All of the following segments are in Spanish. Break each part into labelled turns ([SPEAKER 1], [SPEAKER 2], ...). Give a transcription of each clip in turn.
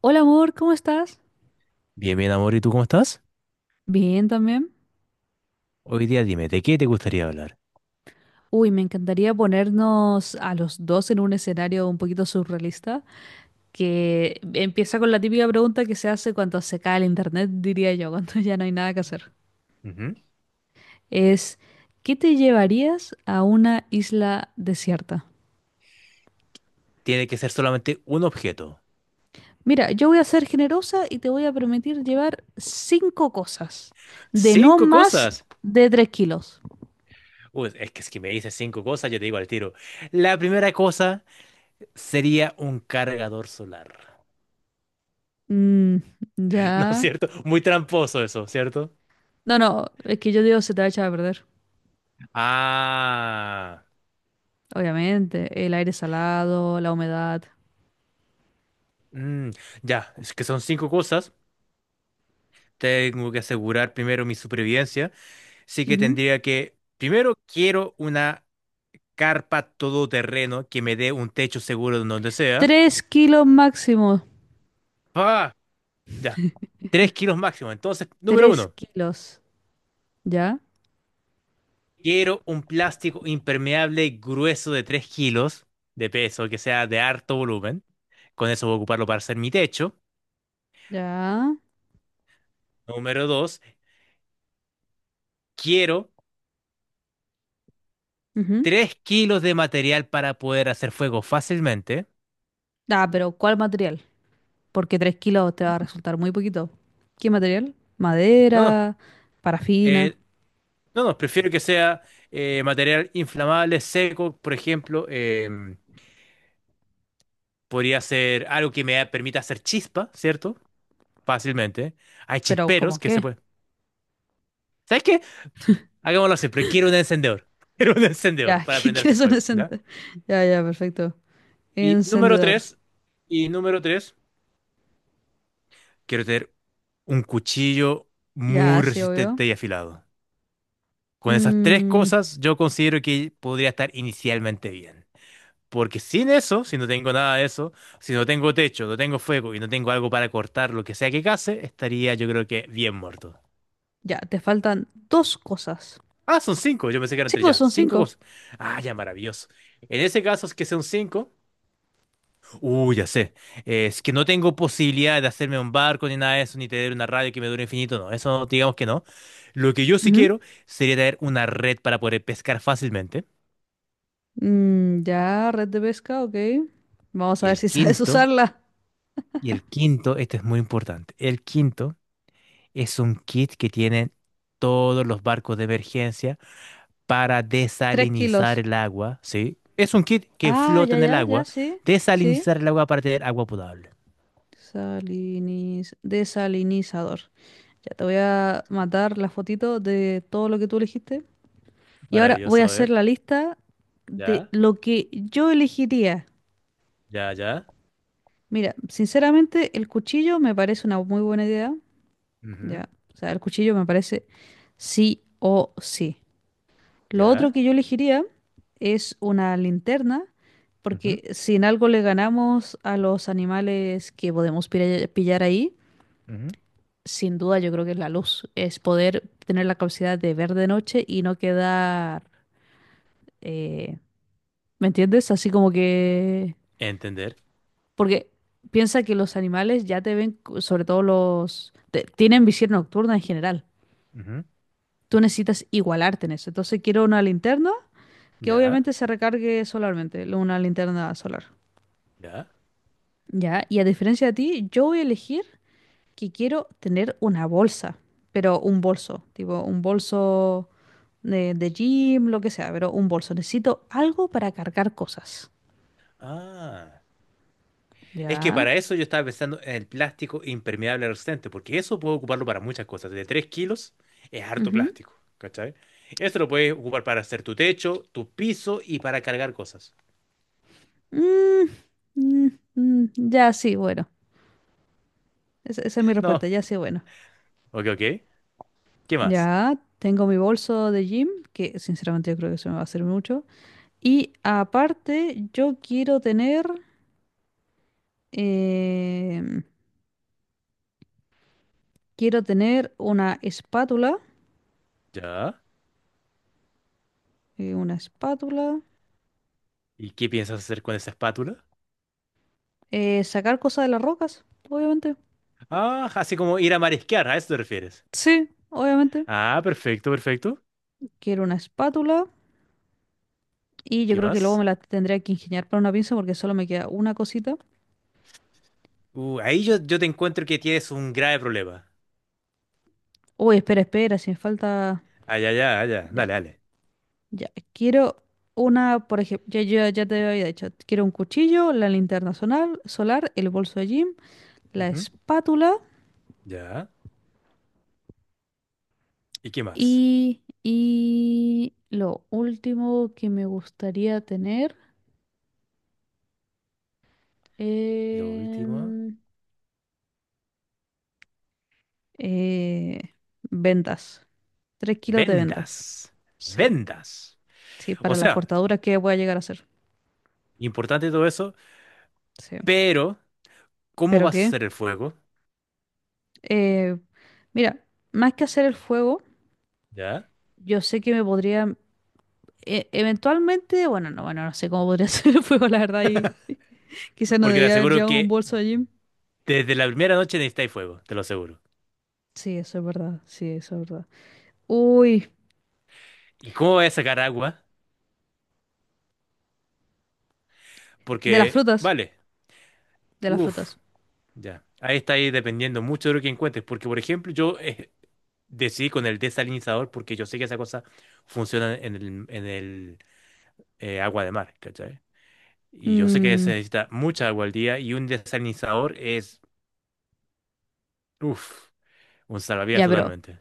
[SPEAKER 1] Hola amor, ¿cómo estás?
[SPEAKER 2] Bien, bien, amor, ¿y tú cómo estás?
[SPEAKER 1] Bien también.
[SPEAKER 2] Hoy día dime, ¿de qué te gustaría hablar?
[SPEAKER 1] Uy, me encantaría ponernos a los dos en un escenario un poquito surrealista, que empieza con la típica pregunta que se hace cuando se cae el internet, diría yo, cuando ya no hay nada que hacer.
[SPEAKER 2] Ujú.
[SPEAKER 1] Es, ¿qué te llevarías a una isla desierta?
[SPEAKER 2] Tiene que ser solamente un objeto.
[SPEAKER 1] Mira, yo voy a ser generosa y te voy a permitir llevar cinco cosas, de no
[SPEAKER 2] ¡Cinco
[SPEAKER 1] más
[SPEAKER 2] cosas!
[SPEAKER 1] de 3 kilos.
[SPEAKER 2] Uy, es que si me dices cinco cosas, yo te digo al tiro. La primera cosa sería un cargador solar.
[SPEAKER 1] Mm,
[SPEAKER 2] ¿No es
[SPEAKER 1] ya.
[SPEAKER 2] cierto? Muy tramposo eso, ¿cierto?
[SPEAKER 1] No, no, es que yo digo se te va a echar a perder.
[SPEAKER 2] Ah,
[SPEAKER 1] Obviamente, el aire salado, la humedad.
[SPEAKER 2] mm, ya, es que son cinco cosas. Tengo que asegurar primero mi supervivencia. Así que
[SPEAKER 1] Ujú.
[SPEAKER 2] tendría que, primero quiero una carpa todoterreno que me dé un techo seguro en donde sea.
[SPEAKER 1] 3 kilos máximo.
[SPEAKER 2] Ah, ya. 3 kilos máximo. Entonces, número
[SPEAKER 1] Tres
[SPEAKER 2] uno,
[SPEAKER 1] kilos. ¿Ya?
[SPEAKER 2] quiero un plástico impermeable grueso de 3 kilos de peso, que sea de harto volumen. Con eso voy a ocuparlo para hacer mi techo.
[SPEAKER 1] ¿Ya?
[SPEAKER 2] Número dos, quiero
[SPEAKER 1] Ujú.
[SPEAKER 2] 3 kilos de material para poder hacer fuego fácilmente.
[SPEAKER 1] Ah, pero ¿cuál material? Porque 3 kilos te va a resultar muy poquito. ¿Qué material?
[SPEAKER 2] No, no.
[SPEAKER 1] Madera, parafina.
[SPEAKER 2] eh, no, no, prefiero que sea material inflamable, seco, por ejemplo. Podría ser algo que me permita hacer chispa, ¿cierto? Fácilmente. Hay
[SPEAKER 1] Pero ¿cómo
[SPEAKER 2] chisperos que se
[SPEAKER 1] qué?
[SPEAKER 2] pueden. ¿Sabes qué? Hagámoslo así, pero quiero un encendedor. Quiero un encendedor
[SPEAKER 1] Ya,
[SPEAKER 2] para
[SPEAKER 1] ¿qué
[SPEAKER 2] aprender a hacer
[SPEAKER 1] quieres un
[SPEAKER 2] fuego, ¿ya?
[SPEAKER 1] encendedor? Ya, ya, perfecto.
[SPEAKER 2] Y número
[SPEAKER 1] Encendedor.
[SPEAKER 2] tres, y número tres, quiero tener un cuchillo
[SPEAKER 1] Ya,
[SPEAKER 2] muy
[SPEAKER 1] sí, obvio.
[SPEAKER 2] resistente y afilado. Con esas tres
[SPEAKER 1] Mm,
[SPEAKER 2] cosas, yo considero que podría estar inicialmente bien. Porque sin eso, si no tengo nada de eso, si no tengo techo, no tengo fuego y no tengo algo para cortar lo que sea que case, estaría yo creo que bien muerto.
[SPEAKER 1] ya, te faltan dos cosas.
[SPEAKER 2] Ah, son cinco, yo pensé que eran
[SPEAKER 1] Sí,
[SPEAKER 2] tres
[SPEAKER 1] pues
[SPEAKER 2] ya.
[SPEAKER 1] son
[SPEAKER 2] Cinco
[SPEAKER 1] cinco.
[SPEAKER 2] cosas. Ah, ya, maravilloso. En ese caso es que son cinco. Ya sé. Es que no tengo posibilidad de hacerme un barco ni nada de eso, ni tener una radio que me dure infinito, no. Eso digamos que no. Lo que yo sí
[SPEAKER 1] Ujú.
[SPEAKER 2] quiero sería tener una red para poder pescar fácilmente.
[SPEAKER 1] Mm, ya, red de pesca, ok. Vamos a
[SPEAKER 2] Y
[SPEAKER 1] ver
[SPEAKER 2] el
[SPEAKER 1] si sabes
[SPEAKER 2] quinto,
[SPEAKER 1] usarla.
[SPEAKER 2] y el quinto, este es muy importante. El quinto es un kit que tienen todos los barcos de emergencia para
[SPEAKER 1] Tres
[SPEAKER 2] desalinizar
[SPEAKER 1] kilos.
[SPEAKER 2] el agua, ¿sí? Es un kit que
[SPEAKER 1] Ah,
[SPEAKER 2] flota
[SPEAKER 1] ya,
[SPEAKER 2] en el
[SPEAKER 1] ya, ya,
[SPEAKER 2] agua,
[SPEAKER 1] sí. Sí.
[SPEAKER 2] desalinizar el agua para tener agua potable.
[SPEAKER 1] Desalinizador. Ya te voy a matar la fotito de todo lo que tú elegiste. Y ahora voy
[SPEAKER 2] Maravilloso,
[SPEAKER 1] a
[SPEAKER 2] a
[SPEAKER 1] hacer
[SPEAKER 2] ver.
[SPEAKER 1] la lista de
[SPEAKER 2] Ya,
[SPEAKER 1] lo que yo elegiría.
[SPEAKER 2] ya, ya.
[SPEAKER 1] Mira, sinceramente, el cuchillo me parece una muy buena idea.
[SPEAKER 2] Ujú,
[SPEAKER 1] Ya. O sea, el cuchillo me parece sí o sí. Lo
[SPEAKER 2] ya.
[SPEAKER 1] otro que yo elegiría es una linterna,
[SPEAKER 2] Ujú,
[SPEAKER 1] porque si en algo le ganamos a los animales que podemos pillar ahí,
[SPEAKER 2] ujú.
[SPEAKER 1] sin duda yo creo que es la luz, es poder tener la capacidad de ver de noche y no quedar, eh, ¿me entiendes? Así como que...
[SPEAKER 2] Entender.
[SPEAKER 1] Porque piensa que los animales ya te ven, sobre todo los... tienen visión nocturna en general.
[SPEAKER 2] Ujú.
[SPEAKER 1] Tú necesitas igualarte en eso. Entonces quiero una linterna que
[SPEAKER 2] Ya,
[SPEAKER 1] obviamente se recargue solarmente, una linterna solar.
[SPEAKER 2] ya.
[SPEAKER 1] Ya, y a diferencia de ti, yo voy a elegir que quiero tener una bolsa, pero un bolso, tipo un bolso de gym, lo que sea, pero un bolso. Necesito algo para cargar cosas.
[SPEAKER 2] Ah. Es que
[SPEAKER 1] Ya.
[SPEAKER 2] para eso yo estaba pensando en el plástico impermeable resistente, porque eso puedo ocuparlo para muchas cosas. De 3 kilos es harto
[SPEAKER 1] Ujú.
[SPEAKER 2] plástico, ¿cachai? Eso lo puedes ocupar para hacer tu techo, tu piso y para cargar cosas.
[SPEAKER 1] Mm, mm, mm, ya, sí, bueno. Esa es mi
[SPEAKER 2] No.
[SPEAKER 1] respuesta, ya, sí, bueno.
[SPEAKER 2] Ok, ok. ¿Qué más?
[SPEAKER 1] Ya, tengo mi bolso de gym, que sinceramente yo creo que se me va a hacer mucho. Y aparte, yo quiero tener... em, Quiero tener
[SPEAKER 2] Ya.
[SPEAKER 1] una espátula,
[SPEAKER 2] ¿Y qué piensas hacer con esa espátula?
[SPEAKER 1] sacar cosas de las rocas, obviamente.
[SPEAKER 2] Ah, así como ir a marisquear, ¿a eso te refieres?
[SPEAKER 1] Sí, obviamente.
[SPEAKER 2] Ah, perfecto, perfecto.
[SPEAKER 1] Quiero una espátula y yo
[SPEAKER 2] ¿Qué
[SPEAKER 1] creo que luego me
[SPEAKER 2] más?
[SPEAKER 1] la tendría que ingeniar para una pinza porque solo me queda una cosita.
[SPEAKER 2] Ahí yo te encuentro que tienes un grave problema.
[SPEAKER 1] Uy, espera, espera, si me falta...
[SPEAKER 2] Ah, ya, ya, ah, ya.
[SPEAKER 1] Ya,
[SPEAKER 2] Dale, dale.
[SPEAKER 1] ya. Quiero una, por ejemplo, ya, ya, ya te había dicho, quiero un cuchillo, la linterna solar, solar, el bolso de gym, la
[SPEAKER 2] Ujú.
[SPEAKER 1] espátula
[SPEAKER 2] Ya. ¿Y qué más?
[SPEAKER 1] y... Y lo último que me gustaría tener...
[SPEAKER 2] Lo último.
[SPEAKER 1] Em, eh, ventas. 3 kilos de ventas.
[SPEAKER 2] Vendas.
[SPEAKER 1] Sí,
[SPEAKER 2] Vendas.
[SPEAKER 1] sí,
[SPEAKER 2] O
[SPEAKER 1] para las
[SPEAKER 2] sea,
[SPEAKER 1] cortaduras que voy a llegar a hacer.
[SPEAKER 2] importante todo eso,
[SPEAKER 1] Sí.
[SPEAKER 2] pero ¿cómo
[SPEAKER 1] ¿Pero
[SPEAKER 2] vas a
[SPEAKER 1] qué?
[SPEAKER 2] hacer el fuego?
[SPEAKER 1] Eh, mira, más que hacer el fuego,
[SPEAKER 2] ¿Ya?
[SPEAKER 1] yo sé que me podría... eventualmente, bueno, no, bueno, no sé cómo podría hacer el fuego, la verdad, y quizás no
[SPEAKER 2] Porque te
[SPEAKER 1] debía haber
[SPEAKER 2] aseguro
[SPEAKER 1] llevado un
[SPEAKER 2] que
[SPEAKER 1] bolso allí.
[SPEAKER 2] desde la primera noche necesitáis fuego, te lo aseguro.
[SPEAKER 1] Sí, eso es verdad, sí, eso es verdad. Uy,
[SPEAKER 2] ¿Y cómo vas a sacar agua?
[SPEAKER 1] de las
[SPEAKER 2] Porque,
[SPEAKER 1] frutas,
[SPEAKER 2] vale,
[SPEAKER 1] de las
[SPEAKER 2] uff,
[SPEAKER 1] frutas.
[SPEAKER 2] ya. Ahí está ahí dependiendo mucho de lo que encuentres. Porque, por ejemplo, yo decidí con el desalinizador porque yo sé que esa cosa funciona en el agua de mar, ¿cachai? Y yo sé que
[SPEAKER 1] Mm,
[SPEAKER 2] se necesita mucha agua al día y un desalinizador es, uff, un salvavidas
[SPEAKER 1] ya, pero
[SPEAKER 2] totalmente.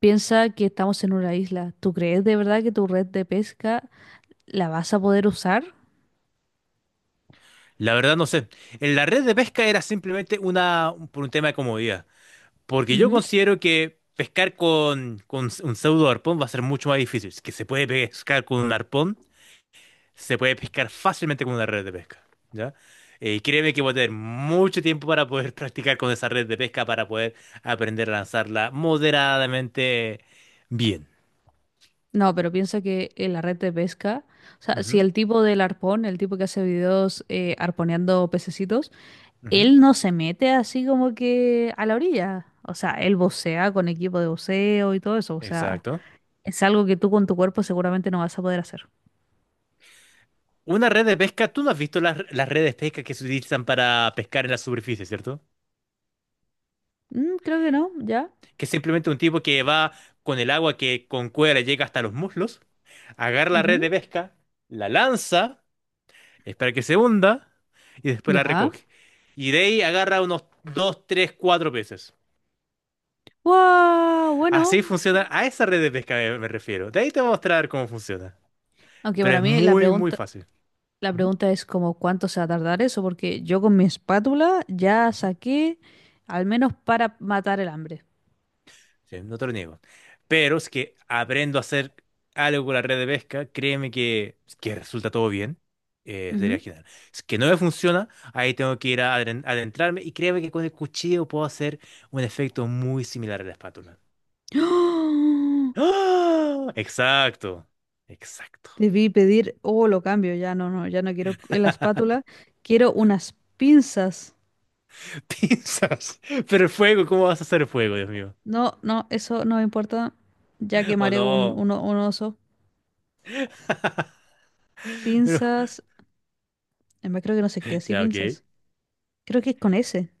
[SPEAKER 1] piensa que estamos en una isla. ¿Tú crees de verdad que tu red de pesca la vas a poder usar?
[SPEAKER 2] La verdad no sé. En la red de pesca era simplemente una, por un tema de comodidad. Porque yo
[SPEAKER 1] Ujú.
[SPEAKER 2] considero que pescar con un pseudo arpón va a ser mucho más difícil. Si que se puede pescar con un arpón, se puede pescar fácilmente con una red de pesca. ¿Ya? Y créeme que voy a tener mucho tiempo para poder practicar con esa red de pesca, para poder aprender a lanzarla moderadamente bien.
[SPEAKER 1] No, pero piensa que en la red de pesca, o sea, si
[SPEAKER 2] Ujú,
[SPEAKER 1] el tipo del arpón, el tipo que hace videos arponeando pececitos,
[SPEAKER 2] ujú.
[SPEAKER 1] él no se mete así como que a la orilla. O sea, él vocea con equipo de voceo y todo eso. O sea,
[SPEAKER 2] Exacto.
[SPEAKER 1] es algo que tú con tu cuerpo seguramente no vas a poder hacer.
[SPEAKER 2] Una red de pesca, tú no has visto las redes de pesca que se utilizan para pescar en la superficie, ¿cierto?
[SPEAKER 1] Mm, creo que no, ya.
[SPEAKER 2] Que es simplemente un tipo que va con el agua que con cuerda llega hasta los muslos, agarra la red de
[SPEAKER 1] Ujú.
[SPEAKER 2] pesca, la lanza, espera que se hunda y después la
[SPEAKER 1] Ya.
[SPEAKER 2] recoge. Y de ahí agarra unos dos, tres, cuatro peces.
[SPEAKER 1] ¡Wow! Bueno,
[SPEAKER 2] Así funciona, a esa red de pesca me refiero. De ahí te voy a mostrar cómo funciona.
[SPEAKER 1] aunque
[SPEAKER 2] Pero
[SPEAKER 1] para
[SPEAKER 2] es
[SPEAKER 1] mí la
[SPEAKER 2] muy, muy
[SPEAKER 1] pregunta.
[SPEAKER 2] fácil.
[SPEAKER 1] La
[SPEAKER 2] Ujú,
[SPEAKER 1] pregunta es como cuánto se va a tardar eso, porque yo con mi espátula ya
[SPEAKER 2] ujú.
[SPEAKER 1] saqué al menos para matar el hambre.
[SPEAKER 2] Sí, no te lo niego. Pero es que aprendo a hacer algo con la red de pesca, créeme que resulta todo bien. Sería
[SPEAKER 1] Ujú.
[SPEAKER 2] genial. Es que no me funciona, ahí tengo que ir a adentrarme y créeme que con el cuchillo puedo hacer un efecto muy similar a la espátula.
[SPEAKER 1] ¡Oh!
[SPEAKER 2] ¡Ah! Exacto, exacto.
[SPEAKER 1] Debí pedir, oh, lo cambio, ya no, no, ya no quiero la espátula, quiero unas pinzas.
[SPEAKER 2] Pinzas. Pero el fuego, ¿cómo vas a hacer fuego, Dios mío?
[SPEAKER 1] No, no, eso no me importa, ya
[SPEAKER 2] ¿O
[SPEAKER 1] quemaré un,
[SPEAKER 2] no?
[SPEAKER 1] un, o- un oso.
[SPEAKER 2] Pero-
[SPEAKER 1] Pinzas, además creo que no se cría así,
[SPEAKER 2] ya, ok.
[SPEAKER 1] pinzas. Creo que es con ese.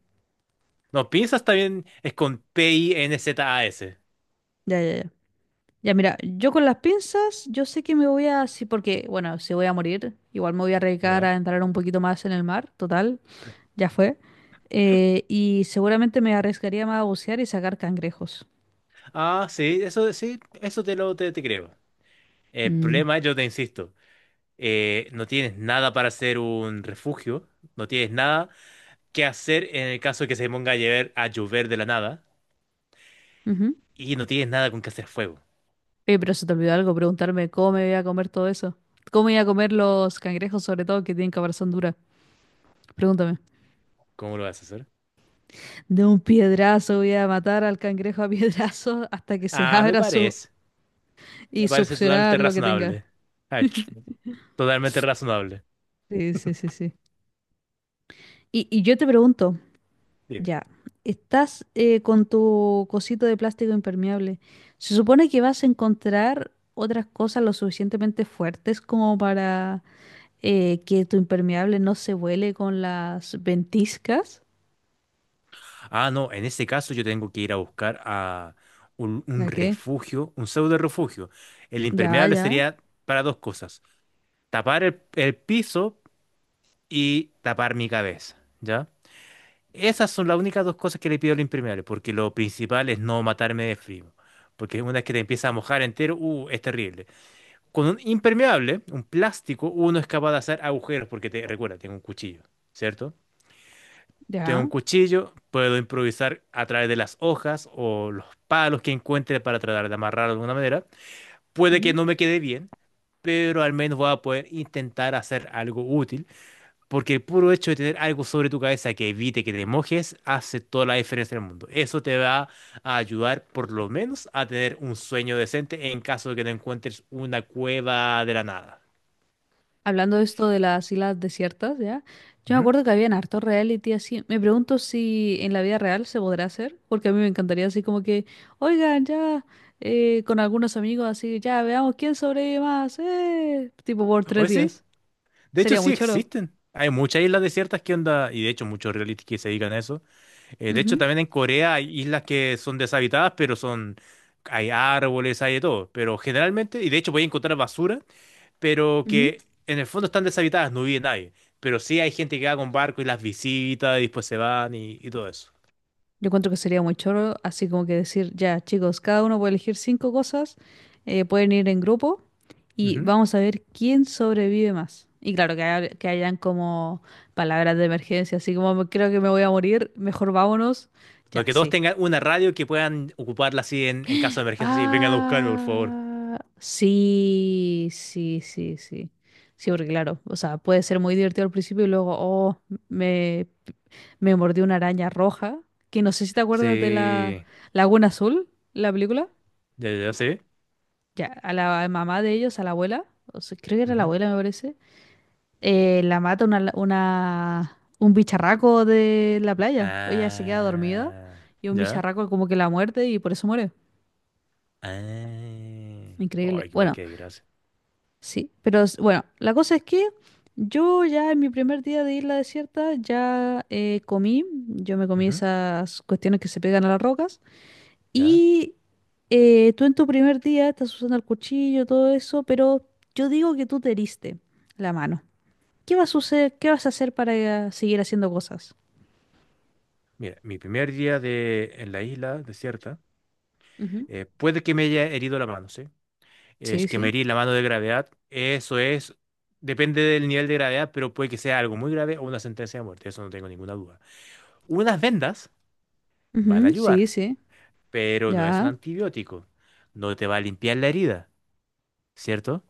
[SPEAKER 2] No, pinzas también es con P-I-N-Z-A-S.
[SPEAKER 1] Ya, ya, ya. Ya, mira, yo con las pinzas, yo sé que me voy a, sí, porque, bueno, si voy a morir, igual me voy a arriesgar
[SPEAKER 2] Ya.
[SPEAKER 1] a entrar un poquito más en el mar, total, ya fue. Y seguramente me arriesgaría más a bucear y sacar cangrejos.
[SPEAKER 2] Ah, sí, eso te lo te creo. El
[SPEAKER 1] Mm,
[SPEAKER 2] problema, es, yo te insisto, no tienes nada para hacer un refugio, no tienes nada que hacer en el caso de que se ponga a llover de la nada,
[SPEAKER 1] ujú.
[SPEAKER 2] y no tienes nada con que hacer fuego.
[SPEAKER 1] Oye, pero se te olvidó algo, preguntarme cómo me voy a comer todo eso. ¿Cómo voy a comer los cangrejos, sobre todo, que tienen caparazón dura? Pregúntame.
[SPEAKER 2] ¿Cómo lo vas a hacer?
[SPEAKER 1] De un piedrazo voy a matar al cangrejo a piedrazo hasta que se
[SPEAKER 2] Ah,
[SPEAKER 1] abra su... y
[SPEAKER 2] me parece totalmente
[SPEAKER 1] succionar lo que tenga.
[SPEAKER 2] razonable. Ay, totalmente razonable.
[SPEAKER 1] Sí, sí, sí, sí. Y yo te pregunto,
[SPEAKER 2] Dime.
[SPEAKER 1] ya, estás con tu cosito de plástico impermeable. Se supone que vas a encontrar otras cosas lo suficientemente fuertes como para que tu impermeable no se vuele con las ventiscas.
[SPEAKER 2] Ah, no, en este caso yo tengo que ir a buscar a un
[SPEAKER 1] ¿A qué?
[SPEAKER 2] refugio, un pseudo refugio. El
[SPEAKER 1] Ya,
[SPEAKER 2] impermeable
[SPEAKER 1] ya,
[SPEAKER 2] sería para dos cosas. Tapar el piso y tapar mi cabeza, ¿ya? Esas son las únicas dos cosas que le pido al impermeable, porque lo principal es no matarme de frío, porque una vez que te empieza a mojar entero, es terrible. Con un impermeable, un plástico, uno es capaz de hacer agujeros, porque te, recuerda, tengo un cuchillo, ¿cierto? Tengo un
[SPEAKER 1] ya.
[SPEAKER 2] cuchillo, puedo improvisar a través de las hojas o los palos que encuentre para tratar de amarrar de alguna manera. Puede que no me quede bien, pero al menos voy a poder intentar hacer algo útil. Porque el puro hecho de tener algo sobre tu cabeza que evite que te mojes hace toda la diferencia en el mundo. Eso te va a ayudar por lo menos a tener un sueño decente en caso de que no encuentres una cueva de la nada.
[SPEAKER 1] Hablando de esto de las islas desiertas, ¿ya? Yo me
[SPEAKER 2] Ujú.
[SPEAKER 1] acuerdo que habían harto reality así. Me pregunto si en la vida real se podrá hacer, porque a mí me encantaría así como que, oigan, ya, con algunos amigos así, ya, veamos quién sobrevive más, tipo por tres
[SPEAKER 2] Oye, sí,
[SPEAKER 1] días.
[SPEAKER 2] de hecho
[SPEAKER 1] Sería
[SPEAKER 2] sí
[SPEAKER 1] muy choro.
[SPEAKER 2] existen. Hay muchas islas desiertas que onda, y de hecho muchos realistas que se dedican a eso. De hecho,
[SPEAKER 1] Ujú,
[SPEAKER 2] también en Corea hay islas que son deshabitadas, pero son, hay árboles, hay de todo. Pero generalmente, y de hecho voy a encontrar basura, pero
[SPEAKER 1] ujú.
[SPEAKER 2] que en el fondo están deshabitadas, no vive nadie. Pero sí hay gente que va con barco y las visita y después se van y todo eso.
[SPEAKER 1] Yo encuentro que sería muy choro, así como que decir, ya, chicos, cada uno puede elegir cinco cosas, pueden ir en grupo. Y
[SPEAKER 2] Ujú.
[SPEAKER 1] vamos a ver quién sobrevive más. Y claro, que, que hayan como palabras de emergencia, así como creo que me voy a morir, mejor vámonos".
[SPEAKER 2] No,
[SPEAKER 1] Ya,
[SPEAKER 2] que todos
[SPEAKER 1] sí.
[SPEAKER 2] tengan una radio que puedan ocuparla así en caso de emergencia, así, vengan a buscarme, por favor.
[SPEAKER 1] Ah, sí, sí, sí, sí. Sí, porque claro, o sea, puede ser muy divertido al principio y luego, oh, me, me mordió una araña roja, que no sé si te acuerdas de la
[SPEAKER 2] Sí,
[SPEAKER 1] Laguna Azul, la película.
[SPEAKER 2] ya, ya, ya, sí.
[SPEAKER 1] Ya, a la mamá de ellos, a la abuela, o sea, creo que era la
[SPEAKER 2] Ujú.
[SPEAKER 1] abuela, me parece. La mata un bicharraco de la playa. Pues ella se queda dormida
[SPEAKER 2] Ah,
[SPEAKER 1] y un
[SPEAKER 2] ya.
[SPEAKER 1] bicharraco como que la muerde y por eso muere.
[SPEAKER 2] Ah. Oh,
[SPEAKER 1] Increíble.
[SPEAKER 2] igual
[SPEAKER 1] Bueno,
[SPEAKER 2] que gracias.
[SPEAKER 1] sí, pero bueno, la cosa es que yo ya en mi primer día de isla desierta ya comí, yo me comí esas cuestiones que se pegan a las rocas y tú en tu primer día estás usando el cuchillo, todo eso, pero yo digo que tú te heriste la mano. ¿Qué vas a suceder? ¿Qué vas a hacer para seguir haciendo cosas?
[SPEAKER 2] Mira, mi primer día de, en la isla desierta,
[SPEAKER 1] Ujú.
[SPEAKER 2] puede que me haya herido la mano, ¿sí?
[SPEAKER 1] Sí,
[SPEAKER 2] Es que me
[SPEAKER 1] sí.
[SPEAKER 2] herí la mano de gravedad, eso es, depende del nivel de gravedad, pero puede que sea algo muy grave o una sentencia de muerte, eso no tengo ninguna duda. Unas vendas van a
[SPEAKER 1] Ujú, sí,
[SPEAKER 2] ayudar,
[SPEAKER 1] sí.
[SPEAKER 2] pero no es un
[SPEAKER 1] Ya,
[SPEAKER 2] antibiótico, no te va a limpiar la herida. ¿Cierto?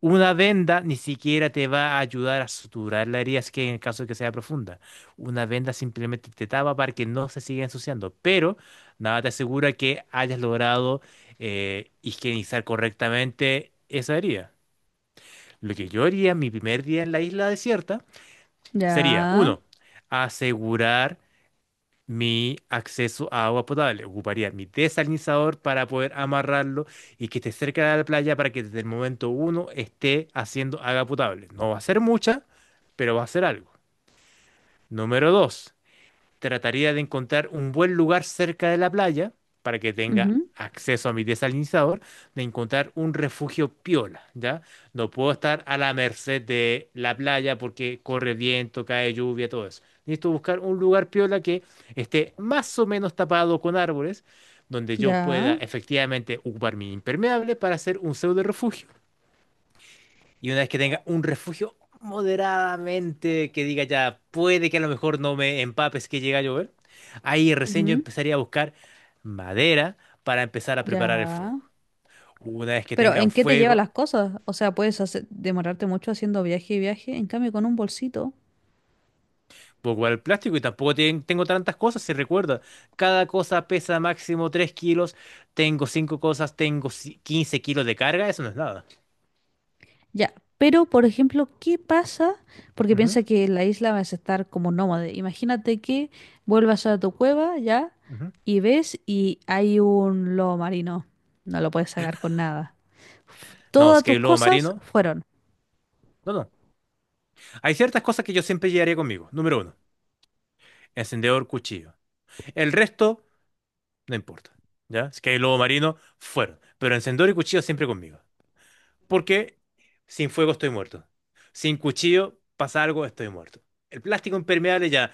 [SPEAKER 2] Una venda ni siquiera te va a ayudar a suturar la herida, así que en el caso de que sea profunda. Una venda simplemente te tapa para que no se siga ensuciando, pero nada te asegura que hayas logrado higienizar correctamente esa herida. Lo que yo haría mi primer día en la isla desierta sería,
[SPEAKER 1] ya,
[SPEAKER 2] uno, asegurar mi acceso a agua potable. Ocuparía mi desalinizador para poder amarrarlo y que esté cerca de la playa para que desde el momento uno esté haciendo agua potable. No va a ser mucha, pero va a ser algo. Número dos. Trataría de encontrar un buen lugar cerca de la playa para que tenga
[SPEAKER 1] ujú,
[SPEAKER 2] acceso a mi desalinizador, de encontrar un refugio piola, ¿ya? No puedo estar a la merced de la playa porque corre viento, cae lluvia, todo eso. Necesito buscar un lugar piola que esté más o menos tapado con árboles, donde yo
[SPEAKER 1] ya,
[SPEAKER 2] pueda efectivamente ocupar mi impermeable para hacer un pseudo refugio y una vez que tenga un refugio moderadamente que diga ya, puede que a lo mejor no me empapes que llega a llover, ahí recién yo
[SPEAKER 1] ujú,
[SPEAKER 2] empezaría a buscar madera para empezar a preparar el
[SPEAKER 1] ya.
[SPEAKER 2] fuego. Una vez que
[SPEAKER 1] Pero ¿en
[SPEAKER 2] tengan
[SPEAKER 1] qué te lleva
[SPEAKER 2] fuego,
[SPEAKER 1] las cosas? O sea, puedes hacer- demorarte mucho haciendo viaje y viaje, en cambio con un bolsito.
[SPEAKER 2] voy a guardar el plástico y tampoco tengo tantas cosas, se recuerda. Cada cosa pesa máximo 3 kilos, tengo 5 cosas, tengo 15 kilos de carga, eso no es nada.
[SPEAKER 1] Ya. Pero, por ejemplo, ¿qué pasa? Porque
[SPEAKER 2] Ujú,
[SPEAKER 1] piensa que en la isla vas a estar como nómade. Imagínate que vuelvas a tu cueva ya
[SPEAKER 2] ujú.
[SPEAKER 1] y ves y hay un lobo marino. No lo puedes sacar con nada.
[SPEAKER 2] No, si es
[SPEAKER 1] Todas
[SPEAKER 2] que hay
[SPEAKER 1] tus
[SPEAKER 2] lobo
[SPEAKER 1] cosas
[SPEAKER 2] marino.
[SPEAKER 1] fueron.
[SPEAKER 2] No, no. Hay ciertas cosas que yo siempre llevaría conmigo. Número uno, encendedor, cuchillo. El resto no importa. ¿Ya? Si que el lobo marino, fueron. Pero encendedor y cuchillo siempre conmigo. Porque sin fuego estoy muerto. Sin cuchillo pasa algo, estoy muerto. El plástico impermeable ya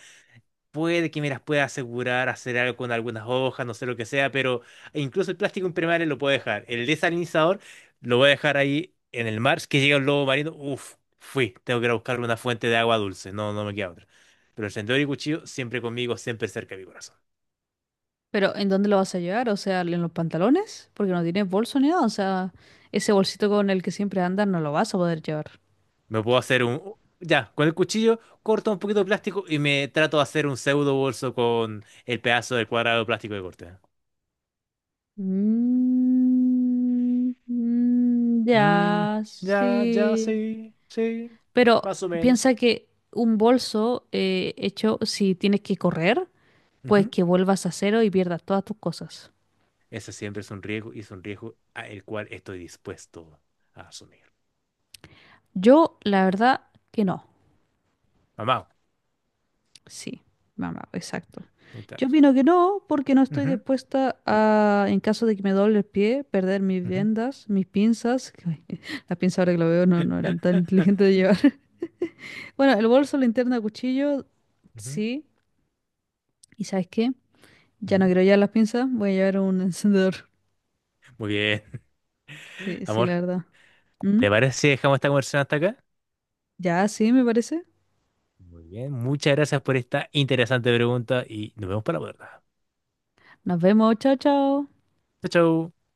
[SPEAKER 2] puede que me las pueda asegurar, hacer algo con algunas hojas, no sé lo que sea, pero incluso el plástico impermeable lo puedo dejar. El desalinizador lo voy a dejar ahí en el mar. Si que llega un lobo marino, uff, fui. Tengo que ir a buscar una fuente de agua dulce. No, no me queda otra. Pero encendedor y cuchillo siempre conmigo, siempre cerca de mi corazón.
[SPEAKER 1] Pero ¿en dónde lo vas a llevar? O sea, ¿en los pantalones? Porque no tienes bolso ni nada. O sea, ese bolsito con el que siempre andas no lo vas a poder llevar.
[SPEAKER 2] Me puedo hacer un... Ya, con el cuchillo corto un poquito de plástico y me trato de hacer un pseudo bolso con el pedazo del cuadrado de plástico que corté.
[SPEAKER 1] Mm, mm,
[SPEAKER 2] Mm,
[SPEAKER 1] ya,
[SPEAKER 2] ya, ya,
[SPEAKER 1] sí.
[SPEAKER 2] sí, sí,
[SPEAKER 1] Pero
[SPEAKER 2] más o menos.
[SPEAKER 1] piensa que un bolso hecho, si tienes que correr, pues
[SPEAKER 2] Ujú.
[SPEAKER 1] que vuelvas a cero y pierdas todas tus cosas.
[SPEAKER 2] Ese siempre es un riesgo y es un riesgo a el cual estoy dispuesto a asumir.
[SPEAKER 1] Yo, la verdad, que no.
[SPEAKER 2] Mamá.
[SPEAKER 1] Sí, mamá, exacto. Yo
[SPEAKER 2] Exacto.
[SPEAKER 1] opino que no, porque no estoy
[SPEAKER 2] Ujú,
[SPEAKER 1] dispuesta a, en caso de que me doble el pie, perder mis
[SPEAKER 2] ujú,
[SPEAKER 1] vendas, mis pinzas. Que las pinzas ahora que lo veo no, no eran tan inteligentes de llevar. Bueno, el bolso, linterna, cuchillo,
[SPEAKER 2] ujú,
[SPEAKER 1] sí. ¿Y sabes qué? Ya no
[SPEAKER 2] ujú.
[SPEAKER 1] quiero llevar las pinzas, voy a llevar un encendedor.
[SPEAKER 2] Muy bien.
[SPEAKER 1] Sí, sí, la
[SPEAKER 2] Amor,
[SPEAKER 1] verdad. ¿Mm?
[SPEAKER 2] ¿te parece si dejamos esta conversación hasta acá?
[SPEAKER 1] Ya, sí, me parece.
[SPEAKER 2] Muy bien, muchas gracias por esta interesante pregunta y nos vemos para la verdad.
[SPEAKER 1] Nos vemos, chao, chao.
[SPEAKER 2] Chao, chao.